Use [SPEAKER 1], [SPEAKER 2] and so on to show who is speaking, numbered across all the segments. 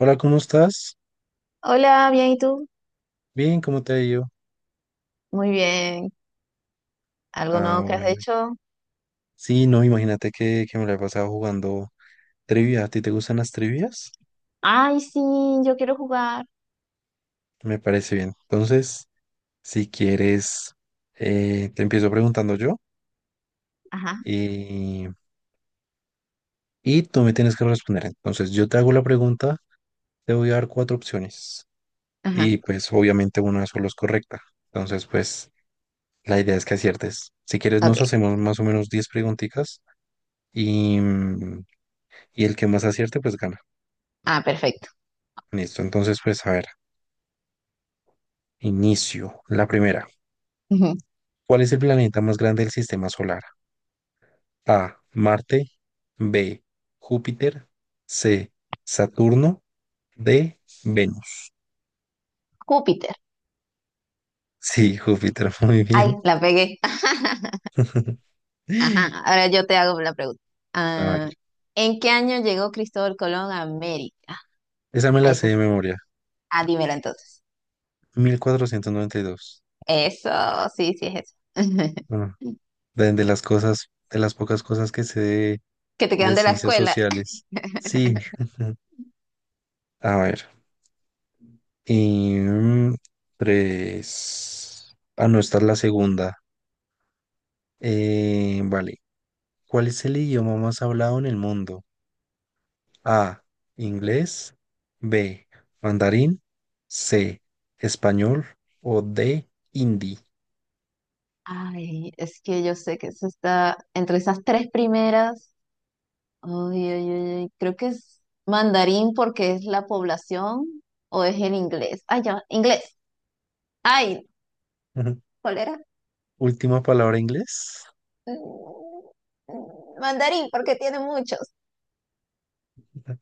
[SPEAKER 1] Hola, ¿cómo estás?
[SPEAKER 2] Hola, bien, ¿y tú?
[SPEAKER 1] Bien, ¿cómo te ha ido?
[SPEAKER 2] Muy bien. ¿Algo
[SPEAKER 1] Ah,
[SPEAKER 2] nuevo que has
[SPEAKER 1] bueno.
[SPEAKER 2] hecho?
[SPEAKER 1] Sí, no, imagínate que, me la he pasado jugando trivia. ¿A ti te gustan las trivias?
[SPEAKER 2] Ay, sí, yo quiero jugar.
[SPEAKER 1] Me parece bien. Entonces, si quieres, te empiezo preguntando yo
[SPEAKER 2] Ajá,
[SPEAKER 1] y, y tú me tienes que responder. Entonces, yo te hago la pregunta, te voy a dar cuatro opciones
[SPEAKER 2] ajá.
[SPEAKER 1] y pues obviamente una solo es correcta. Entonces, pues la idea es que aciertes. Si quieres,
[SPEAKER 2] Ok.
[SPEAKER 1] nos hacemos más o menos 10 preguntitas y, mm, y el que más acierte, pues gana.
[SPEAKER 2] Ah, perfecto.
[SPEAKER 1] Listo, entonces pues a ver, inicio. La primera,
[SPEAKER 2] Ujú.
[SPEAKER 1] ¿cuál es el planeta más grande del sistema solar? A, Marte, B, Júpiter, C, Saturno, D, Venus.
[SPEAKER 2] Júpiter.
[SPEAKER 1] Sí, Júpiter, muy
[SPEAKER 2] Ay,
[SPEAKER 1] bien.
[SPEAKER 2] la pegué. Ajá, ahora yo te hago la pregunta.
[SPEAKER 1] A ver,
[SPEAKER 2] Ah, ¿en qué año llegó Cristóbal Colón a América?
[SPEAKER 1] esa me
[SPEAKER 2] Ah,
[SPEAKER 1] la
[SPEAKER 2] eso
[SPEAKER 1] sé de
[SPEAKER 2] sí.
[SPEAKER 1] memoria.
[SPEAKER 2] Ah, dímela entonces.
[SPEAKER 1] 1492.
[SPEAKER 2] Eso, sí, sí, es eso.
[SPEAKER 1] Bueno, de las cosas, de las pocas cosas que sé de,
[SPEAKER 2] Que te quedan de la
[SPEAKER 1] ciencias
[SPEAKER 2] escuela.
[SPEAKER 1] sociales. Sí, a ver, y tres. Ah, no, esta es la segunda. Vale. ¿Cuál es el idioma más hablado en el mundo? A. Inglés. B. Mandarín. C. Español. O D. Hindi.
[SPEAKER 2] Ay, es que yo sé que eso está entre esas tres primeras. Ay, ay, ay, ay, creo que es mandarín porque es la población o es el inglés. Ay, ya, inglés. Ay,
[SPEAKER 1] Ujú.
[SPEAKER 2] ¿cuál era?
[SPEAKER 1] Última palabra, inglés.
[SPEAKER 2] Mm, mm, mandarín porque tiene muchos.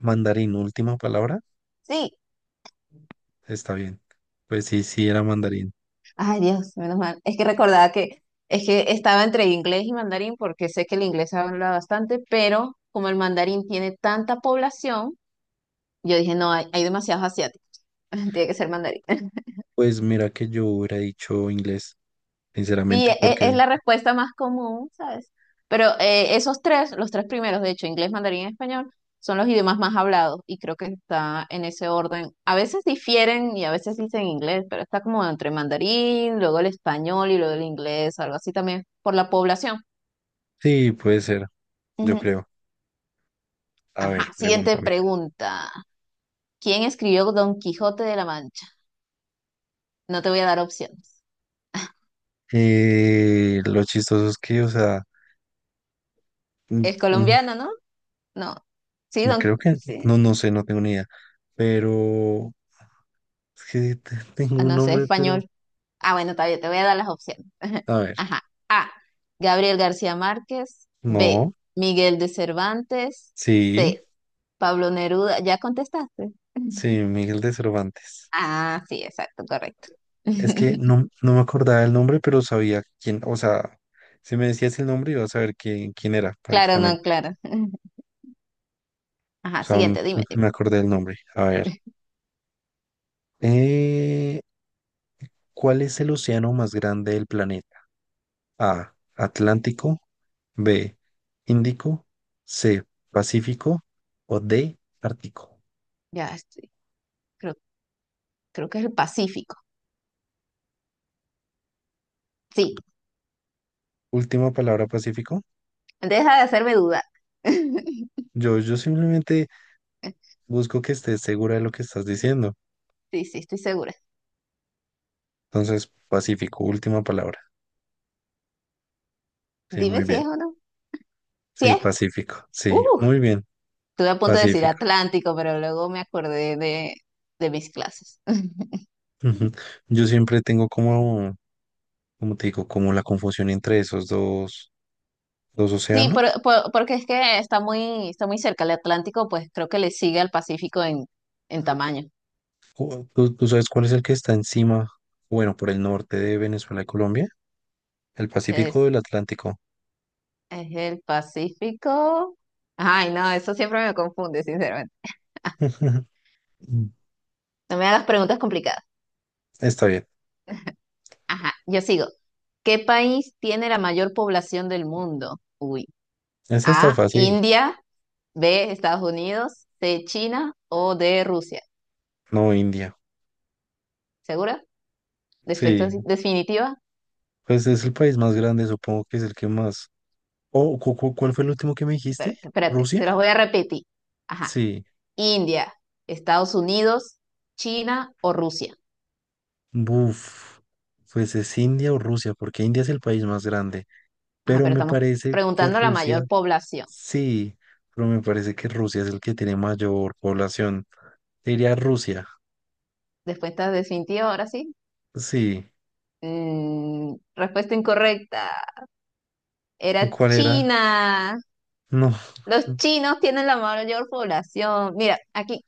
[SPEAKER 1] Mandarín, última palabra.
[SPEAKER 2] Sí.
[SPEAKER 1] Está bien. Pues sí, sí, era mandarín.
[SPEAKER 2] Ay, Dios, menos mal. Es que recordaba que es que estaba entre inglés y mandarín porque sé que el inglés se habla bastante, pero como el mandarín tiene tanta población, yo dije, no, hay demasiados asiáticos. Tiene que ser mandarín.
[SPEAKER 1] Pues mira que yo hubiera dicho inglés,
[SPEAKER 2] Sí, e-
[SPEAKER 1] sinceramente,
[SPEAKER 2] e- es
[SPEAKER 1] porque
[SPEAKER 2] la respuesta más común, ¿sabes? Pero esos tres, los tres primeros, de hecho, inglés, mandarín y español, son los idiomas más hablados y creo que está en ese orden. A veces difieren y a veces dicen inglés, pero está como entre mandarín, luego el español y luego el inglés, algo así también, por la población.
[SPEAKER 1] sí, puede ser, yo
[SPEAKER 2] Ujú.
[SPEAKER 1] creo. A ver,
[SPEAKER 2] Ajá, siguiente
[SPEAKER 1] pregúntame.
[SPEAKER 2] pregunta. ¿Quién escribió Don Quijote de la Mancha? No te voy a dar opciones.
[SPEAKER 1] Lo chistoso es que, o sea, mm,
[SPEAKER 2] Es
[SPEAKER 1] mm,
[SPEAKER 2] colombiano, ¿no? No. Sí, don...
[SPEAKER 1] creo que,
[SPEAKER 2] sí.
[SPEAKER 1] no, no sé, no tengo ni idea, pero es que tengo
[SPEAKER 2] Ah,
[SPEAKER 1] un
[SPEAKER 2] no sé,
[SPEAKER 1] nombre, pero,
[SPEAKER 2] español. Ah, bueno, todavía te voy a dar las opciones.
[SPEAKER 1] a ver,
[SPEAKER 2] Ajá. A. Gabriel García Márquez. B.
[SPEAKER 1] no,
[SPEAKER 2] Miguel de Cervantes.
[SPEAKER 1] sí,
[SPEAKER 2] C. Pablo Neruda. ¿Ya contestaste?
[SPEAKER 1] sí, Miguel de Cervantes.
[SPEAKER 2] Ah, sí, exacto, correcto.
[SPEAKER 1] Es que no, no me acordaba el nombre, pero sabía quién, o sea, si me decías el nombre, iba a saber quién era
[SPEAKER 2] Claro, no,
[SPEAKER 1] prácticamente.
[SPEAKER 2] claro.
[SPEAKER 1] O
[SPEAKER 2] Ajá,
[SPEAKER 1] sea,
[SPEAKER 2] siguiente, dime, dime.
[SPEAKER 1] me acordé del nombre. A ver, eh, ¿cuál es el océano más grande del planeta? A. Atlántico. B. Índico. C. Pacífico. O D. Ártico.
[SPEAKER 2] Ya estoy. Creo, creo que es el Pacífico. Sí,
[SPEAKER 1] Última palabra, Pacífico.
[SPEAKER 2] deja de hacerme dudar.
[SPEAKER 1] Yo simplemente busco que estés segura de lo que estás diciendo.
[SPEAKER 2] Sí, sí, estoy segura.
[SPEAKER 1] Entonces, Pacífico, última palabra. Sí,
[SPEAKER 2] Dime
[SPEAKER 1] muy
[SPEAKER 2] si
[SPEAKER 1] bien.
[SPEAKER 2] es o no. Si
[SPEAKER 1] Sí,
[SPEAKER 2] es.
[SPEAKER 1] Pacífico. Sí,
[SPEAKER 2] Uh,
[SPEAKER 1] muy bien.
[SPEAKER 2] estuve a punto de decir
[SPEAKER 1] Pacífico.
[SPEAKER 2] Atlántico, pero luego me acordé de mis clases.
[SPEAKER 1] Ujú. Yo siempre tengo como, como te digo, como la confusión entre esos dos
[SPEAKER 2] Sí,
[SPEAKER 1] océanos.
[SPEAKER 2] porque es que está muy cerca. El Atlántico, pues creo que le sigue al Pacífico en tamaño.
[SPEAKER 1] ¿Tú sabes cuál es el que está encima, bueno, por el norte de Venezuela y Colombia? El Pacífico o
[SPEAKER 2] Entonces,
[SPEAKER 1] el Atlántico.
[SPEAKER 2] es el Pacífico. Ay, no, eso siempre me confunde, sinceramente. No me hagas preguntas complicadas.
[SPEAKER 1] Está bien.
[SPEAKER 2] Ajá, yo sigo. ¿Qué país tiene la mayor población del mundo? Uy.
[SPEAKER 1] Esa está
[SPEAKER 2] A,
[SPEAKER 1] fácil.
[SPEAKER 2] India, B, Estados Unidos, C, China o D, Rusia.
[SPEAKER 1] No, India.
[SPEAKER 2] ¿Segura? ¿Defe-
[SPEAKER 1] Sí,
[SPEAKER 2] ¿Definitiva?
[SPEAKER 1] pues es el país más grande, supongo que es el que más. Oh, ¿cuál fue el último que me dijiste?
[SPEAKER 2] Espérate,
[SPEAKER 1] ¿Rusia?
[SPEAKER 2] te los voy a repetir. Ajá.
[SPEAKER 1] Sí.
[SPEAKER 2] India, Estados Unidos, China o Rusia.
[SPEAKER 1] Buf. Pues es India o Rusia, porque India es el país más grande.
[SPEAKER 2] Ajá,
[SPEAKER 1] Pero
[SPEAKER 2] pero
[SPEAKER 1] me
[SPEAKER 2] estamos
[SPEAKER 1] parece que
[SPEAKER 2] preguntando a la
[SPEAKER 1] Rusia,
[SPEAKER 2] mayor población.
[SPEAKER 1] sí, pero me parece que Rusia es el que tiene mayor población. Diría Rusia.
[SPEAKER 2] Después estás definitiva, ahora sí.
[SPEAKER 1] Sí.
[SPEAKER 2] Mm, respuesta incorrecta. Era
[SPEAKER 1] ¿Cuál era?
[SPEAKER 2] China.
[SPEAKER 1] No.
[SPEAKER 2] Los chinos tienen la mayor población. Mira, aquí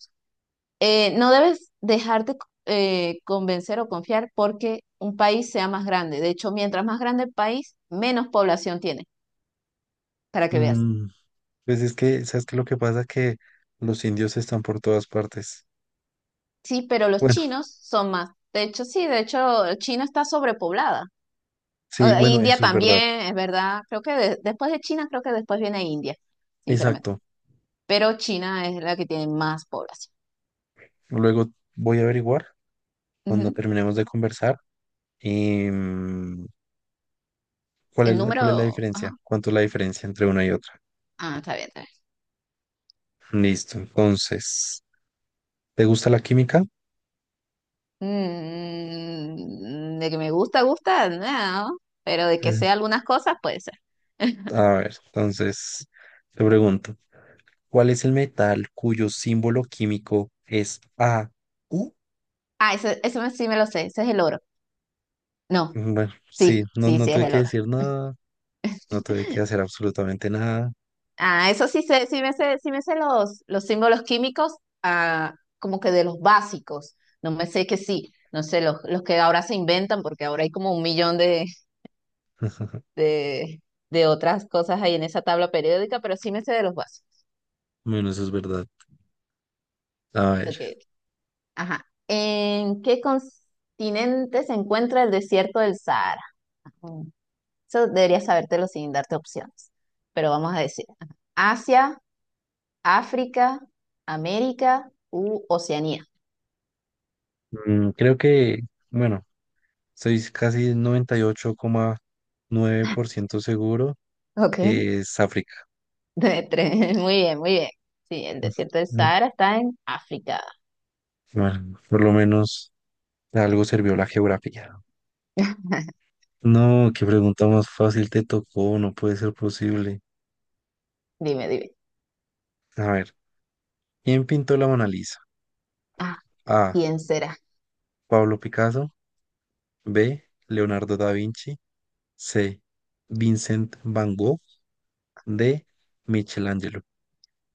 [SPEAKER 2] no debes dejarte convencer o confiar porque un país sea más grande. De hecho, mientras más grande el país, menos población tiene, para que veas.
[SPEAKER 1] Mm, pues es que, ¿sabes qué? Lo que pasa que los indios están por todas partes.
[SPEAKER 2] Sí, pero los
[SPEAKER 1] Bueno,
[SPEAKER 2] chinos son más. De hecho, sí, de hecho, China está sobrepoblada.
[SPEAKER 1] sí,
[SPEAKER 2] E
[SPEAKER 1] bueno,
[SPEAKER 2] India
[SPEAKER 1] eso es verdad.
[SPEAKER 2] también, es verdad. Creo que después de China, creo que después viene India, sinceramente.
[SPEAKER 1] Exacto.
[SPEAKER 2] Pero China es la que tiene más población.
[SPEAKER 1] Luego voy a averiguar cuando
[SPEAKER 2] Ujú.
[SPEAKER 1] terminemos de conversar y cuál
[SPEAKER 2] El
[SPEAKER 1] es la
[SPEAKER 2] número...
[SPEAKER 1] diferencia,
[SPEAKER 2] ajá.
[SPEAKER 1] cuánto es la diferencia entre una y otra.
[SPEAKER 2] Ah, está bien, está bien.
[SPEAKER 1] Listo. Entonces, ¿te gusta la química?
[SPEAKER 2] Mm, de que me gusta, gusta, no. Pero de que
[SPEAKER 1] Pues,
[SPEAKER 2] sea algunas cosas, puede ser.
[SPEAKER 1] a ver, entonces te pregunto, ¿cuál es el metal cuyo símbolo químico es AU?
[SPEAKER 2] Ah, eso sí me lo sé. Ese es el oro. No,
[SPEAKER 1] Bueno, sí,
[SPEAKER 2] sí,
[SPEAKER 1] no,
[SPEAKER 2] sí,
[SPEAKER 1] no
[SPEAKER 2] sí, es
[SPEAKER 1] tuve
[SPEAKER 2] el
[SPEAKER 1] que
[SPEAKER 2] oro.
[SPEAKER 1] decir nada. No tuve que hacer absolutamente nada.
[SPEAKER 2] Ah, eso sí sé, sí me sé los símbolos químicos, ah, como que de los básicos. No me sé que sí, no sé, los que ahora se inventan, porque ahora hay como un millón de, de otras cosas ahí en esa tabla periódica, pero sí me sé de los básicos.
[SPEAKER 1] Bueno, eso es verdad. A
[SPEAKER 2] Ok,
[SPEAKER 1] ver,
[SPEAKER 2] ajá. ¿En qué continente se encuentra el desierto del Sahara? Mm, eso deberías sabértelo sin darte opciones, pero vamos a decir. Ajá. Asia, África, América u Oceanía.
[SPEAKER 1] creo que, bueno, estoy casi 98,9% seguro
[SPEAKER 2] Ok.
[SPEAKER 1] que es África.
[SPEAKER 2] De tres. Muy bien, muy bien. Sí, el
[SPEAKER 1] Mm,
[SPEAKER 2] desierto del
[SPEAKER 1] mm,
[SPEAKER 2] Sahara está en África.
[SPEAKER 1] Bueno, por lo menos algo sirvió la geografía. No, qué pregunta más fácil te tocó, no puede ser posible.
[SPEAKER 2] Dime, dime.
[SPEAKER 1] A ver, ¿quién pintó la Mona Lisa?
[SPEAKER 2] Ah,
[SPEAKER 1] A.
[SPEAKER 2] ¿quién será?
[SPEAKER 1] Pablo Picasso. B. Leonardo da Vinci. C. Vincent Van Gogh. D. Michelangelo.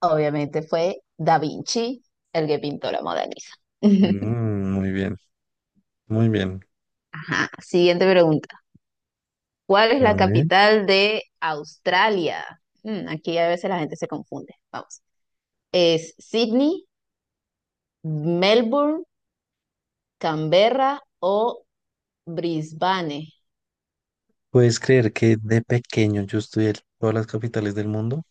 [SPEAKER 2] Obviamente fue Da Vinci, el que pintó la Mona Lisa.
[SPEAKER 1] Mm, muy bien, muy bien.
[SPEAKER 2] Ajá, siguiente pregunta. ¿Cuál es
[SPEAKER 1] A
[SPEAKER 2] la
[SPEAKER 1] ver,
[SPEAKER 2] capital de Australia? Mm, aquí a veces la gente se confunde. Vamos. ¿Es Sydney, Melbourne, Canberra o Brisbane?
[SPEAKER 1] ¿puedes creer que de pequeño yo estudié todas las capitales del mundo?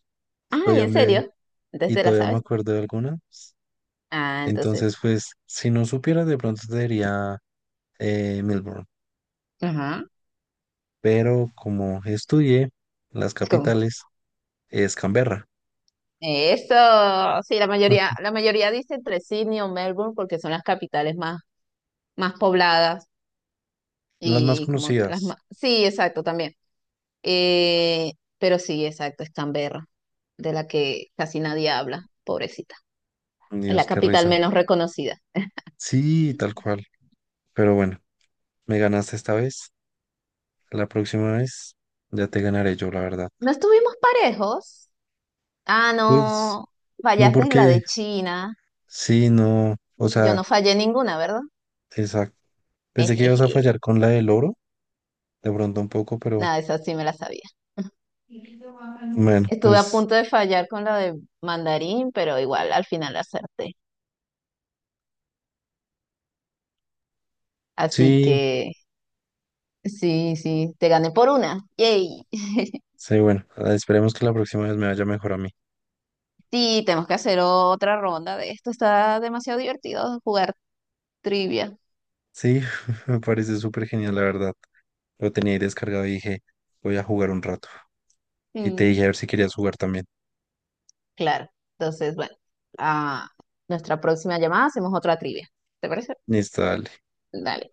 [SPEAKER 1] Y
[SPEAKER 2] Ah, ¿en serio? Entonces te la
[SPEAKER 1] todavía me
[SPEAKER 2] sabes.
[SPEAKER 1] acuerdo de algunas.
[SPEAKER 2] Ah, entonces.
[SPEAKER 1] Entonces, pues, si no supiera, de pronto te diría, Melbourne.
[SPEAKER 2] Ajá.
[SPEAKER 1] Pero como estudié las
[SPEAKER 2] ¿Cómo
[SPEAKER 1] capitales, es Canberra.
[SPEAKER 2] eso, sí, la mayoría, la mayoría dice entre Sydney o Melbourne porque son las capitales más, más pobladas
[SPEAKER 1] Las más
[SPEAKER 2] y como que las
[SPEAKER 1] conocidas.
[SPEAKER 2] más, sí, exacto, también. Eh, pero sí, exacto, es Canberra, de la que casi nadie habla, pobrecita. Es la
[SPEAKER 1] Dios, qué
[SPEAKER 2] capital
[SPEAKER 1] risa.
[SPEAKER 2] menos reconocida.
[SPEAKER 1] Sí, tal cual. Pero bueno, me ganaste esta vez. La próxima vez ya te ganaré yo, la verdad.
[SPEAKER 2] ¿No estuvimos parejos? Ah,
[SPEAKER 1] Pues,
[SPEAKER 2] no,
[SPEAKER 1] no
[SPEAKER 2] fallaste en la
[SPEAKER 1] porque...
[SPEAKER 2] de China
[SPEAKER 1] Sí, no, o
[SPEAKER 2] y yo
[SPEAKER 1] sea,
[SPEAKER 2] no fallé ninguna, ¿verdad?
[SPEAKER 1] exacto. Pensé que ibas a
[SPEAKER 2] Ejeje,
[SPEAKER 1] fallar con la del oro, de pronto un poco, pero
[SPEAKER 2] nada, esa sí me la sabía.
[SPEAKER 1] bueno,
[SPEAKER 2] Estuve a
[SPEAKER 1] pues
[SPEAKER 2] punto de fallar con la de mandarín, pero igual al final acerté. Así
[SPEAKER 1] sí,
[SPEAKER 2] que sí, sí, te gané por una. Yay.
[SPEAKER 1] sí, bueno, ah, esperemos que la próxima vez me vaya mejor a mí.
[SPEAKER 2] Sí, tenemos que hacer otra ronda de esto. Está demasiado divertido jugar trivia.
[SPEAKER 1] Sí, me parece súper genial, la verdad. Lo tenía ahí descargado y dije, voy a jugar un rato. Y te
[SPEAKER 2] Mm,
[SPEAKER 1] dije a ver si querías jugar también.
[SPEAKER 2] claro. Entonces, bueno, a nuestra próxima llamada hacemos otra trivia. ¿Te parece?
[SPEAKER 1] Listo, dale.
[SPEAKER 2] Dale.